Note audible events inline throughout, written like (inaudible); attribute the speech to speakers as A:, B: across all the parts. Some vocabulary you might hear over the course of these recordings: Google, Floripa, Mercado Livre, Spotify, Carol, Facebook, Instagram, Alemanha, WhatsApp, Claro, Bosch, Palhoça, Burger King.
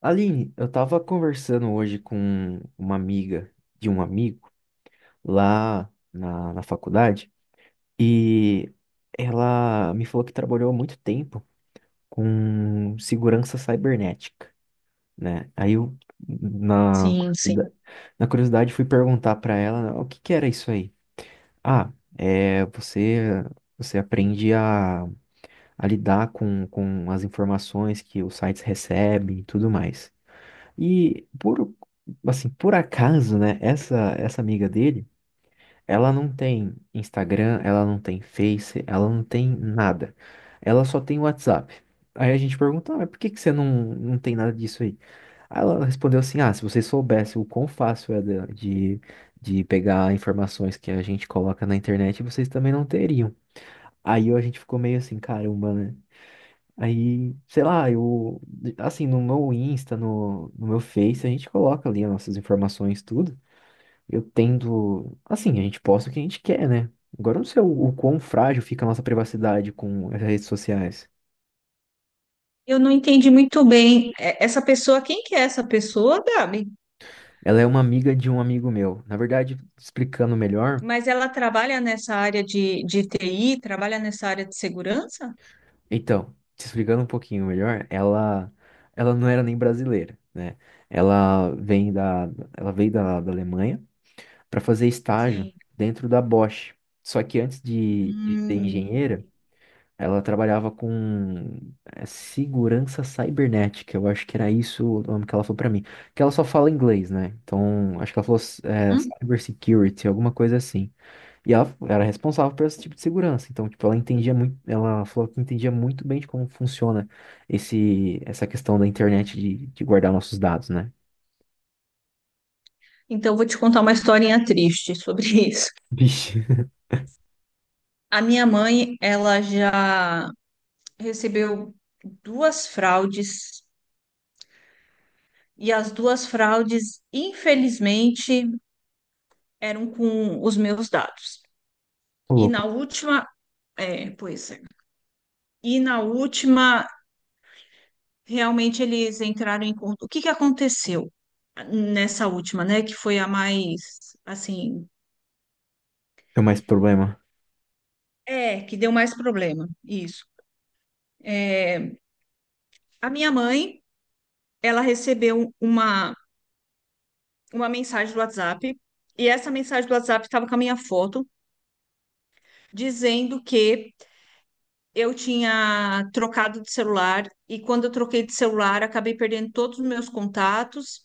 A: Aline, eu tava conversando hoje com uma amiga de um amigo lá na faculdade e ela me falou que trabalhou há muito tempo com segurança cibernética, né? Aí eu, na,
B: Sim, sim.
A: curiosidade- Na curiosidade, fui perguntar pra ela: "Ah, o que que era isso aí. Ah, é, você aprende a lidar com as informações que os sites recebem e tudo mais. E por, por acaso, né, essa amiga dele, ela não tem Instagram, ela não tem Face, ela não tem nada. Ela só tem WhatsApp. Aí a gente pergunta, ah, mas por que que você não tem nada disso aí? Aí ela respondeu assim, ah, se vocês soubessem o quão fácil é de, de de pegar informações que a gente coloca na internet, vocês também não teriam. Aí a gente ficou meio assim, caramba, né? Aí, sei lá, eu, assim, No meu Insta, no meu Face, a gente coloca ali as nossas informações, tudo. Eu tendo, assim, a gente posta o que a gente quer, né? Agora eu não sei o quão frágil fica a nossa privacidade com as redes sociais.
B: Eu não entendi muito bem. Essa pessoa, quem que é essa pessoa, Gabi?
A: Ela é uma amiga de um amigo meu. Na verdade, explicando melhor,
B: Mas ela trabalha nessa área de TI, trabalha nessa área de segurança?
A: então, te explicando um pouquinho melhor, ela não era nem brasileira, né? Ela vem da, Ela veio da Alemanha para fazer estágio
B: Sim.
A: dentro da Bosch. Só que antes de ser
B: Hum.
A: engenheira, ela trabalhava com segurança cibernética. Eu acho que era isso o nome que ela falou para mim. Que ela só fala inglês, né? Então, acho que ela falou é,
B: Hum.
A: cyber security, alguma coisa assim. E ela era responsável por esse tipo de segurança. Então, tipo, ela entendia muito, ela falou que entendia muito bem de como funciona essa questão da internet de guardar nossos dados, né?
B: Então, eu vou te contar uma historinha triste sobre (laughs) isso.
A: Vixe, (laughs)
B: A minha mãe, ela já recebeu duas fraudes, e as duas fraudes, infelizmente, eram com os meus dados.
A: ô
B: E na
A: louco,
B: última, é, pois é. E na última, realmente eles entraram em conta. O que que aconteceu nessa última, né? Que foi a mais, assim,
A: tem mais problema.
B: é, que deu mais problema. Isso. É, a minha mãe, ela recebeu uma mensagem do WhatsApp, e essa mensagem do WhatsApp estava com a minha foto, dizendo que eu tinha trocado de celular, e quando eu troquei de celular, acabei perdendo todos os meus contatos,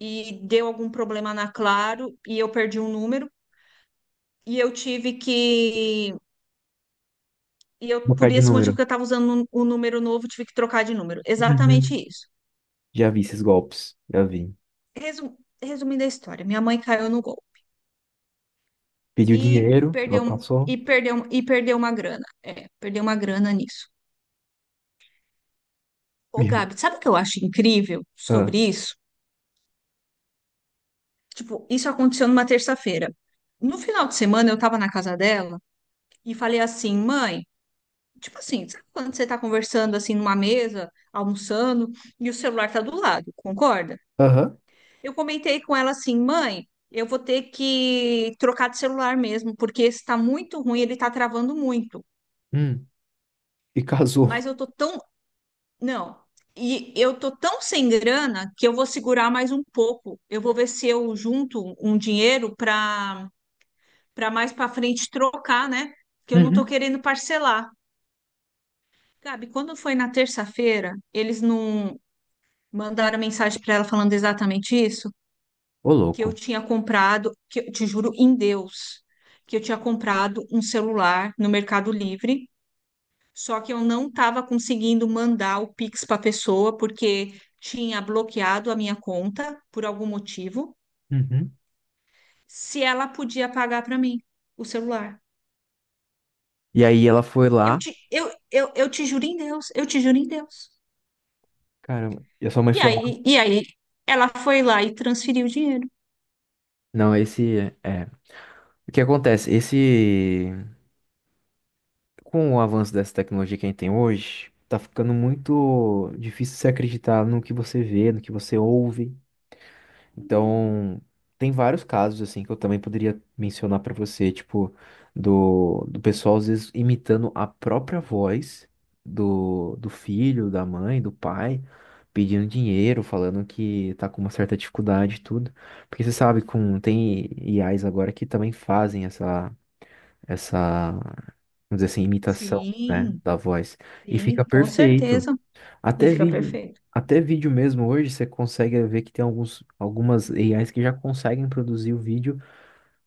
B: e deu algum problema na Claro, e eu perdi um número. E eu tive que. E eu,
A: Vou
B: por
A: colocar de
B: esse motivo
A: número.
B: que eu estava usando um número novo, tive que trocar de número. Exatamente
A: Uhum.
B: isso.
A: Já vi esses golpes, já vi.
B: Resumindo a história, minha mãe caiu no gol
A: Pediu
B: e
A: dinheiro, ela passou.
B: perdeu uma grana. É, perdeu uma grana nisso. Ô,
A: Mil.
B: Gabi, sabe o que eu acho incrível
A: Ah.
B: sobre isso? Tipo, isso aconteceu numa terça-feira. No final de semana, eu estava na casa dela e falei assim, mãe, tipo assim, sabe quando você está conversando assim numa mesa, almoçando, e o celular tá do lado, concorda?
A: Aham.
B: Eu comentei com ela assim, mãe, eu vou ter que trocar de celular mesmo, porque esse tá muito ruim, ele tá travando muito.
A: Hum. E
B: Mas
A: casou.
B: eu tô tão. Não. E eu tô tão sem grana que eu vou segurar mais um pouco. Eu vou ver se eu junto um dinheiro para mais para frente trocar, né? Que eu não tô
A: Uhum.
B: querendo parcelar. Gabi, quando foi na terça-feira, eles não mandaram mensagem para ela falando exatamente isso?
A: Ô,
B: Que eu
A: louco.
B: tinha comprado, que eu te juro em Deus, que eu tinha comprado um celular no Mercado Livre, só que eu não estava conseguindo mandar o Pix para a pessoa porque tinha bloqueado a minha conta por algum motivo,
A: Uhum.
B: se ela podia pagar para mim o celular.
A: E aí ela foi
B: Eu
A: lá.
B: te, eu, eu, eu te juro em Deus, eu te juro em Deus.
A: Caramba. E a sua mãe
B: E
A: foi
B: aí,
A: lá.
B: e aí ela foi lá e transferiu o dinheiro.
A: Não, esse é. É. o que acontece? Esse. Com o avanço dessa tecnologia que a gente tem hoje, tá ficando muito difícil você acreditar no que você vê, no que você ouve. Então, tem vários casos assim que eu também poderia mencionar pra você, tipo, do pessoal às vezes imitando a própria voz do filho, da mãe, do pai, pedindo dinheiro, falando que tá com uma certa dificuldade e tudo. Porque você sabe, com, tem IAs agora que também fazem vamos dizer assim, imitação, né,
B: Sim,
A: da voz. E
B: sim,
A: fica
B: com
A: perfeito.
B: certeza. E
A: Até
B: fica
A: vídeo,
B: perfeito.
A: até vídeo mesmo hoje você consegue ver que tem algumas AIs que já conseguem produzir o vídeo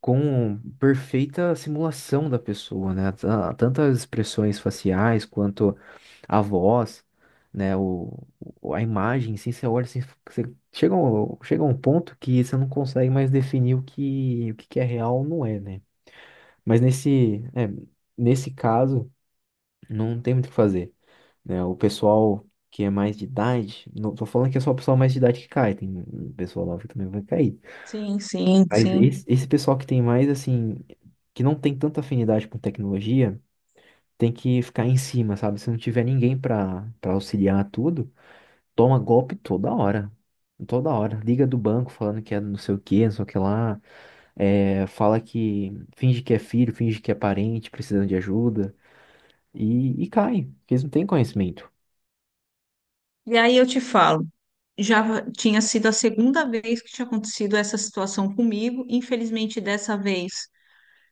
A: com perfeita simulação da pessoa, né? Tanto as expressões faciais quanto a voz, né? A imagem, assim, você olha, assim, você chega a um ponto que você não consegue mais definir o que que é real ou não é, né? Mas nesse, é, Nesse caso, não tem muito o que fazer, né? O pessoal que é mais de idade, não tô falando que é só o pessoal mais de idade que cai, tem um pessoal nova que também vai cair.
B: Sim, sim,
A: Mas
B: sim.
A: esse pessoal que tem mais, assim, que não tem tanta afinidade com tecnologia, tem que ficar em cima, sabe? Se não tiver ninguém pra auxiliar tudo, toma golpe toda hora. Toda hora. Liga do banco falando que é não sei o que, não sei o que lá. É, fala que finge que é filho, finge que é parente, precisando de ajuda. E cai, porque eles não têm conhecimento.
B: E aí eu te falo, já tinha sido a segunda vez que tinha acontecido essa situação comigo. Infelizmente, dessa vez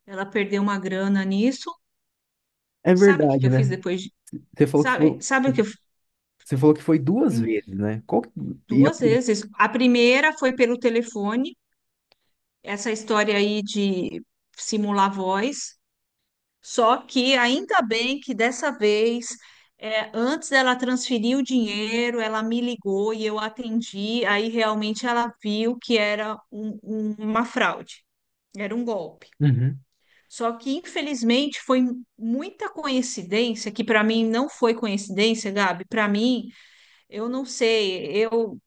B: ela perdeu uma grana nisso.
A: É
B: Sabe o que que
A: verdade,
B: eu fiz
A: né?
B: depois? de-
A: Você falou que
B: Sabe,
A: foi.
B: sabe o que eu
A: Você falou que foi duas
B: hum,
A: vezes, né? Qual que... E a
B: Duas
A: primeira,
B: vezes. A primeira foi pelo telefone, essa história aí de simular voz. Só que ainda bem que dessa vez, antes dela transferir o dinheiro, ela me ligou e eu atendi. Aí realmente ela viu que era uma fraude, era um golpe.
A: uhum.
B: Só que infelizmente foi muita coincidência, que para mim não foi coincidência, Gabi. Para mim, eu não sei,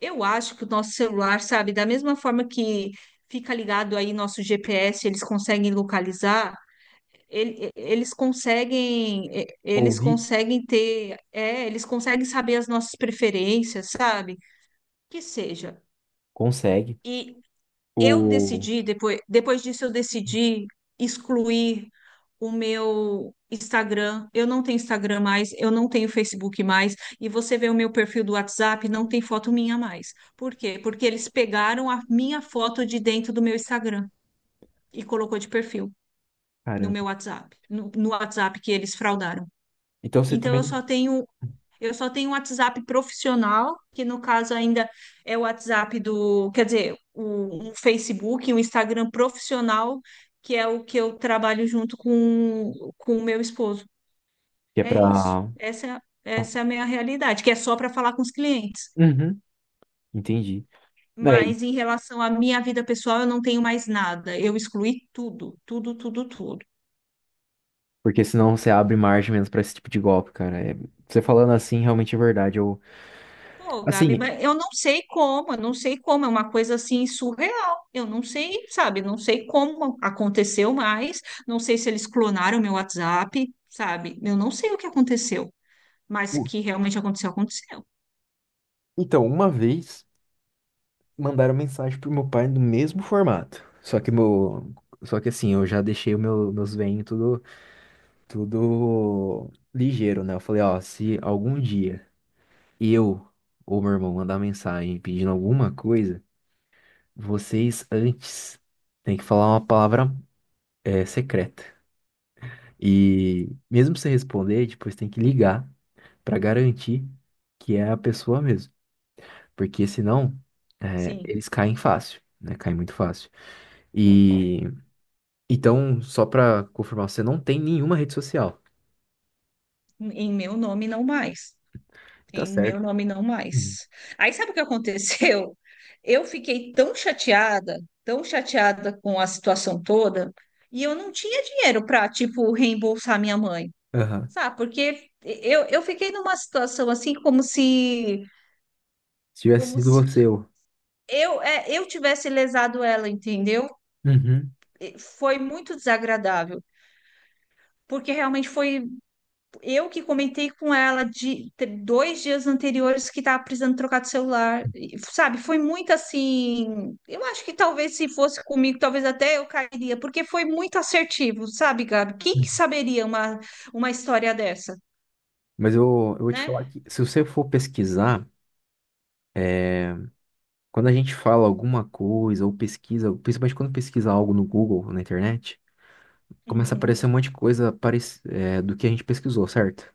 B: eu acho que o nosso celular, sabe, da mesma forma que fica ligado aí nosso GPS, eles conseguem localizar eles
A: Ouvir?
B: conseguem eles conseguem saber as nossas preferências, sabe? Que seja.
A: Consegue.
B: E eu
A: O...
B: decidi, depois disso eu decidi excluir o meu Instagram. Eu não tenho Instagram mais, eu não tenho Facebook mais, e você vê o meu perfil do WhatsApp, não tem foto minha mais. Por quê? Porque eles pegaram a minha foto de dentro do meu Instagram e colocou de perfil no
A: Caramba.
B: meu WhatsApp, no WhatsApp que eles fraudaram.
A: Então você
B: Então
A: também
B: eu só tenho eu só tenho um WhatsApp profissional, que no caso ainda é o WhatsApp do, quer dizer, um Facebook, um Instagram profissional, que é o que eu trabalho junto com o meu esposo.
A: que é
B: É
A: pra...
B: isso.
A: Pra-
B: Essa é a minha realidade, que é só para falar com os clientes.
A: uhum. Entendi. É,
B: Mas em relação à minha vida pessoal, eu não tenho mais nada. Eu excluí tudo, tudo, tudo, tudo.
A: porque senão você abre margem menos pra esse tipo de golpe, cara. É, você falando assim, realmente é verdade.
B: Pô, Gabi,
A: Assim,
B: mas eu não sei como, é uma coisa assim surreal. Eu não sei, sabe? Não sei como aconteceu mais, não sei se eles clonaram meu WhatsApp, sabe? Eu não sei o que aconteceu, mas
A: o-
B: que realmente aconteceu, aconteceu.
A: então, uma vez mandaram mensagem pro meu pai no mesmo formato. Só que meu, só que assim, eu já deixei meus venhos tudo, tudo ligeiro, né? Eu falei, ó, se algum dia e eu ou meu irmão mandar mensagem pedindo alguma coisa, vocês antes têm que falar uma palavra, é, secreta. E mesmo você responder, depois tem que ligar pra garantir que é a pessoa mesmo. Porque senão é,
B: Sim,
A: eles caem fácil, né? Caem muito fácil. E então, só pra confirmar, você não tem nenhuma rede social.
B: em meu nome não mais.
A: Tá
B: Em meu
A: certo.
B: nome não
A: Uhum.
B: mais. Aí sabe o que aconteceu? (laughs) Eu fiquei tão chateada com a situação toda, e eu não tinha dinheiro para, tipo, reembolsar minha mãe.
A: Aham.
B: Sabe, porque eu fiquei numa situação assim como se
A: Se tivesse
B: como
A: sido
B: se
A: você, eu.
B: eu eu tivesse lesado ela, entendeu?
A: Uhum.
B: E foi muito desagradável, porque realmente foi eu que comentei com ela de 2 dias anteriores que estava precisando trocar de celular, e, sabe? Foi muito assim. Eu acho que talvez se fosse comigo, talvez até eu cairia, porque foi muito assertivo, sabe, Gabi? Quem que saberia uma história dessa,
A: Mas eu vou te
B: né?
A: falar que se você for pesquisar, quando a gente fala alguma coisa ou pesquisa, principalmente quando pesquisa algo no Google, na internet, começa a aparecer
B: Uhum.
A: um monte de coisa é, do que a gente pesquisou, certo?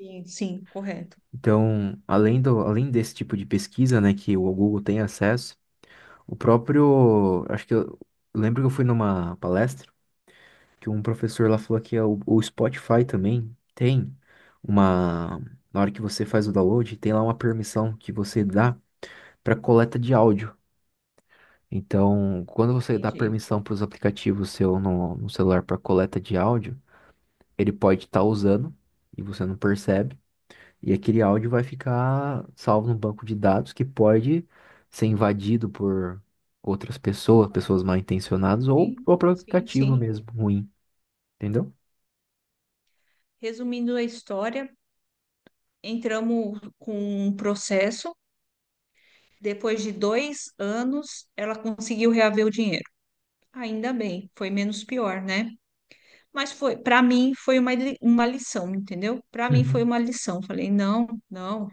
B: Sim, sim, correto.
A: Então, além desse tipo de pesquisa, né, que o Google tem acesso, o próprio, acho que eu lembro que eu fui numa palestra que um professor lá falou que é o Spotify também tem uma, na hora que você faz o download, tem lá uma permissão que você dá para coleta de áudio. Então, quando você dá
B: Entendi.
A: permissão para os aplicativos seu no celular para coleta de áudio, ele pode estar usando e você não percebe, e aquele áudio vai ficar salvo no banco de dados que pode ser invadido por outras pessoas, pessoas mal intencionadas ou o
B: Sim,
A: próprio
B: sim,
A: aplicativo
B: sim.
A: mesmo ruim, entendeu?
B: Resumindo a história, entramos com um processo. Depois de 2 anos, ela conseguiu reaver o dinheiro. Ainda bem, foi menos pior, né? Mas foi, para mim, foi uma lição, entendeu? Para mim foi
A: Uhum,
B: uma lição. Falei, não, não.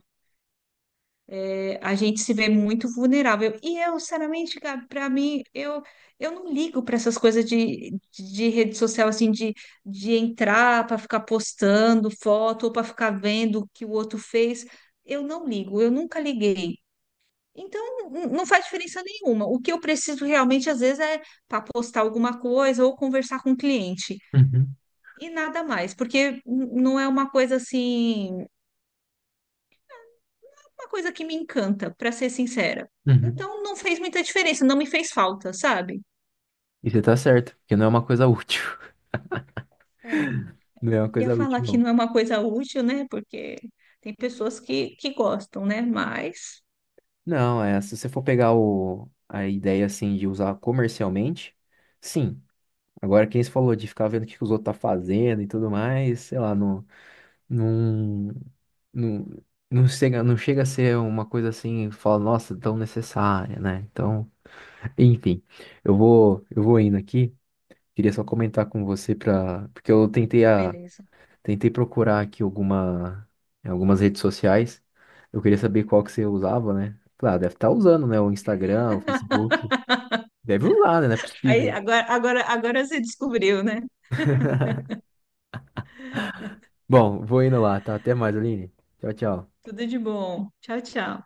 B: A gente se vê muito vulnerável. E eu, sinceramente, Gabi, para mim, eu não ligo para essas coisas de rede social, de entrar para ficar postando foto ou para ficar vendo o que o outro fez. Eu não ligo, eu nunca liguei. Então, não faz diferença nenhuma. O que eu preciso realmente, às vezes, é para postar alguma coisa ou conversar com o cliente.
A: uhum,
B: E nada mais, porque não é uma coisa assim. Uma coisa que me encanta, pra ser sincera.
A: uhum.
B: Então não fez muita diferença, não me fez falta, sabe?
A: E você tá certo, porque não é uma coisa útil. (laughs)
B: É.
A: Não é uma
B: Queria
A: coisa
B: falar
A: útil,
B: que
A: não.
B: não é uma coisa útil, né? Porque tem pessoas que gostam, né? Mas
A: Não, é, se você for pegar a ideia assim de usar comercialmente, sim. Agora, quem se falou de ficar vendo o que que os outros tá fazendo e tudo mais, sei lá, não, não, não chega, não chega a ser uma coisa assim, fala, nossa, tão necessária, né? Então, (laughs) enfim, eu vou indo aqui. Queria só comentar com você para, porque eu tentei a
B: beleza.
A: tentei procurar aqui alguma, em algumas redes sociais. Eu queria saber qual que você usava, né? Claro, deve estar usando, né? O Instagram, o Facebook. Deve usar, né? Não é
B: Aí
A: possível.
B: agora você descobriu, né?
A: Bom, vou indo lá, tá? Até mais, Aline. Tchau, tchau.
B: Tudo de bom. Tchau, tchau.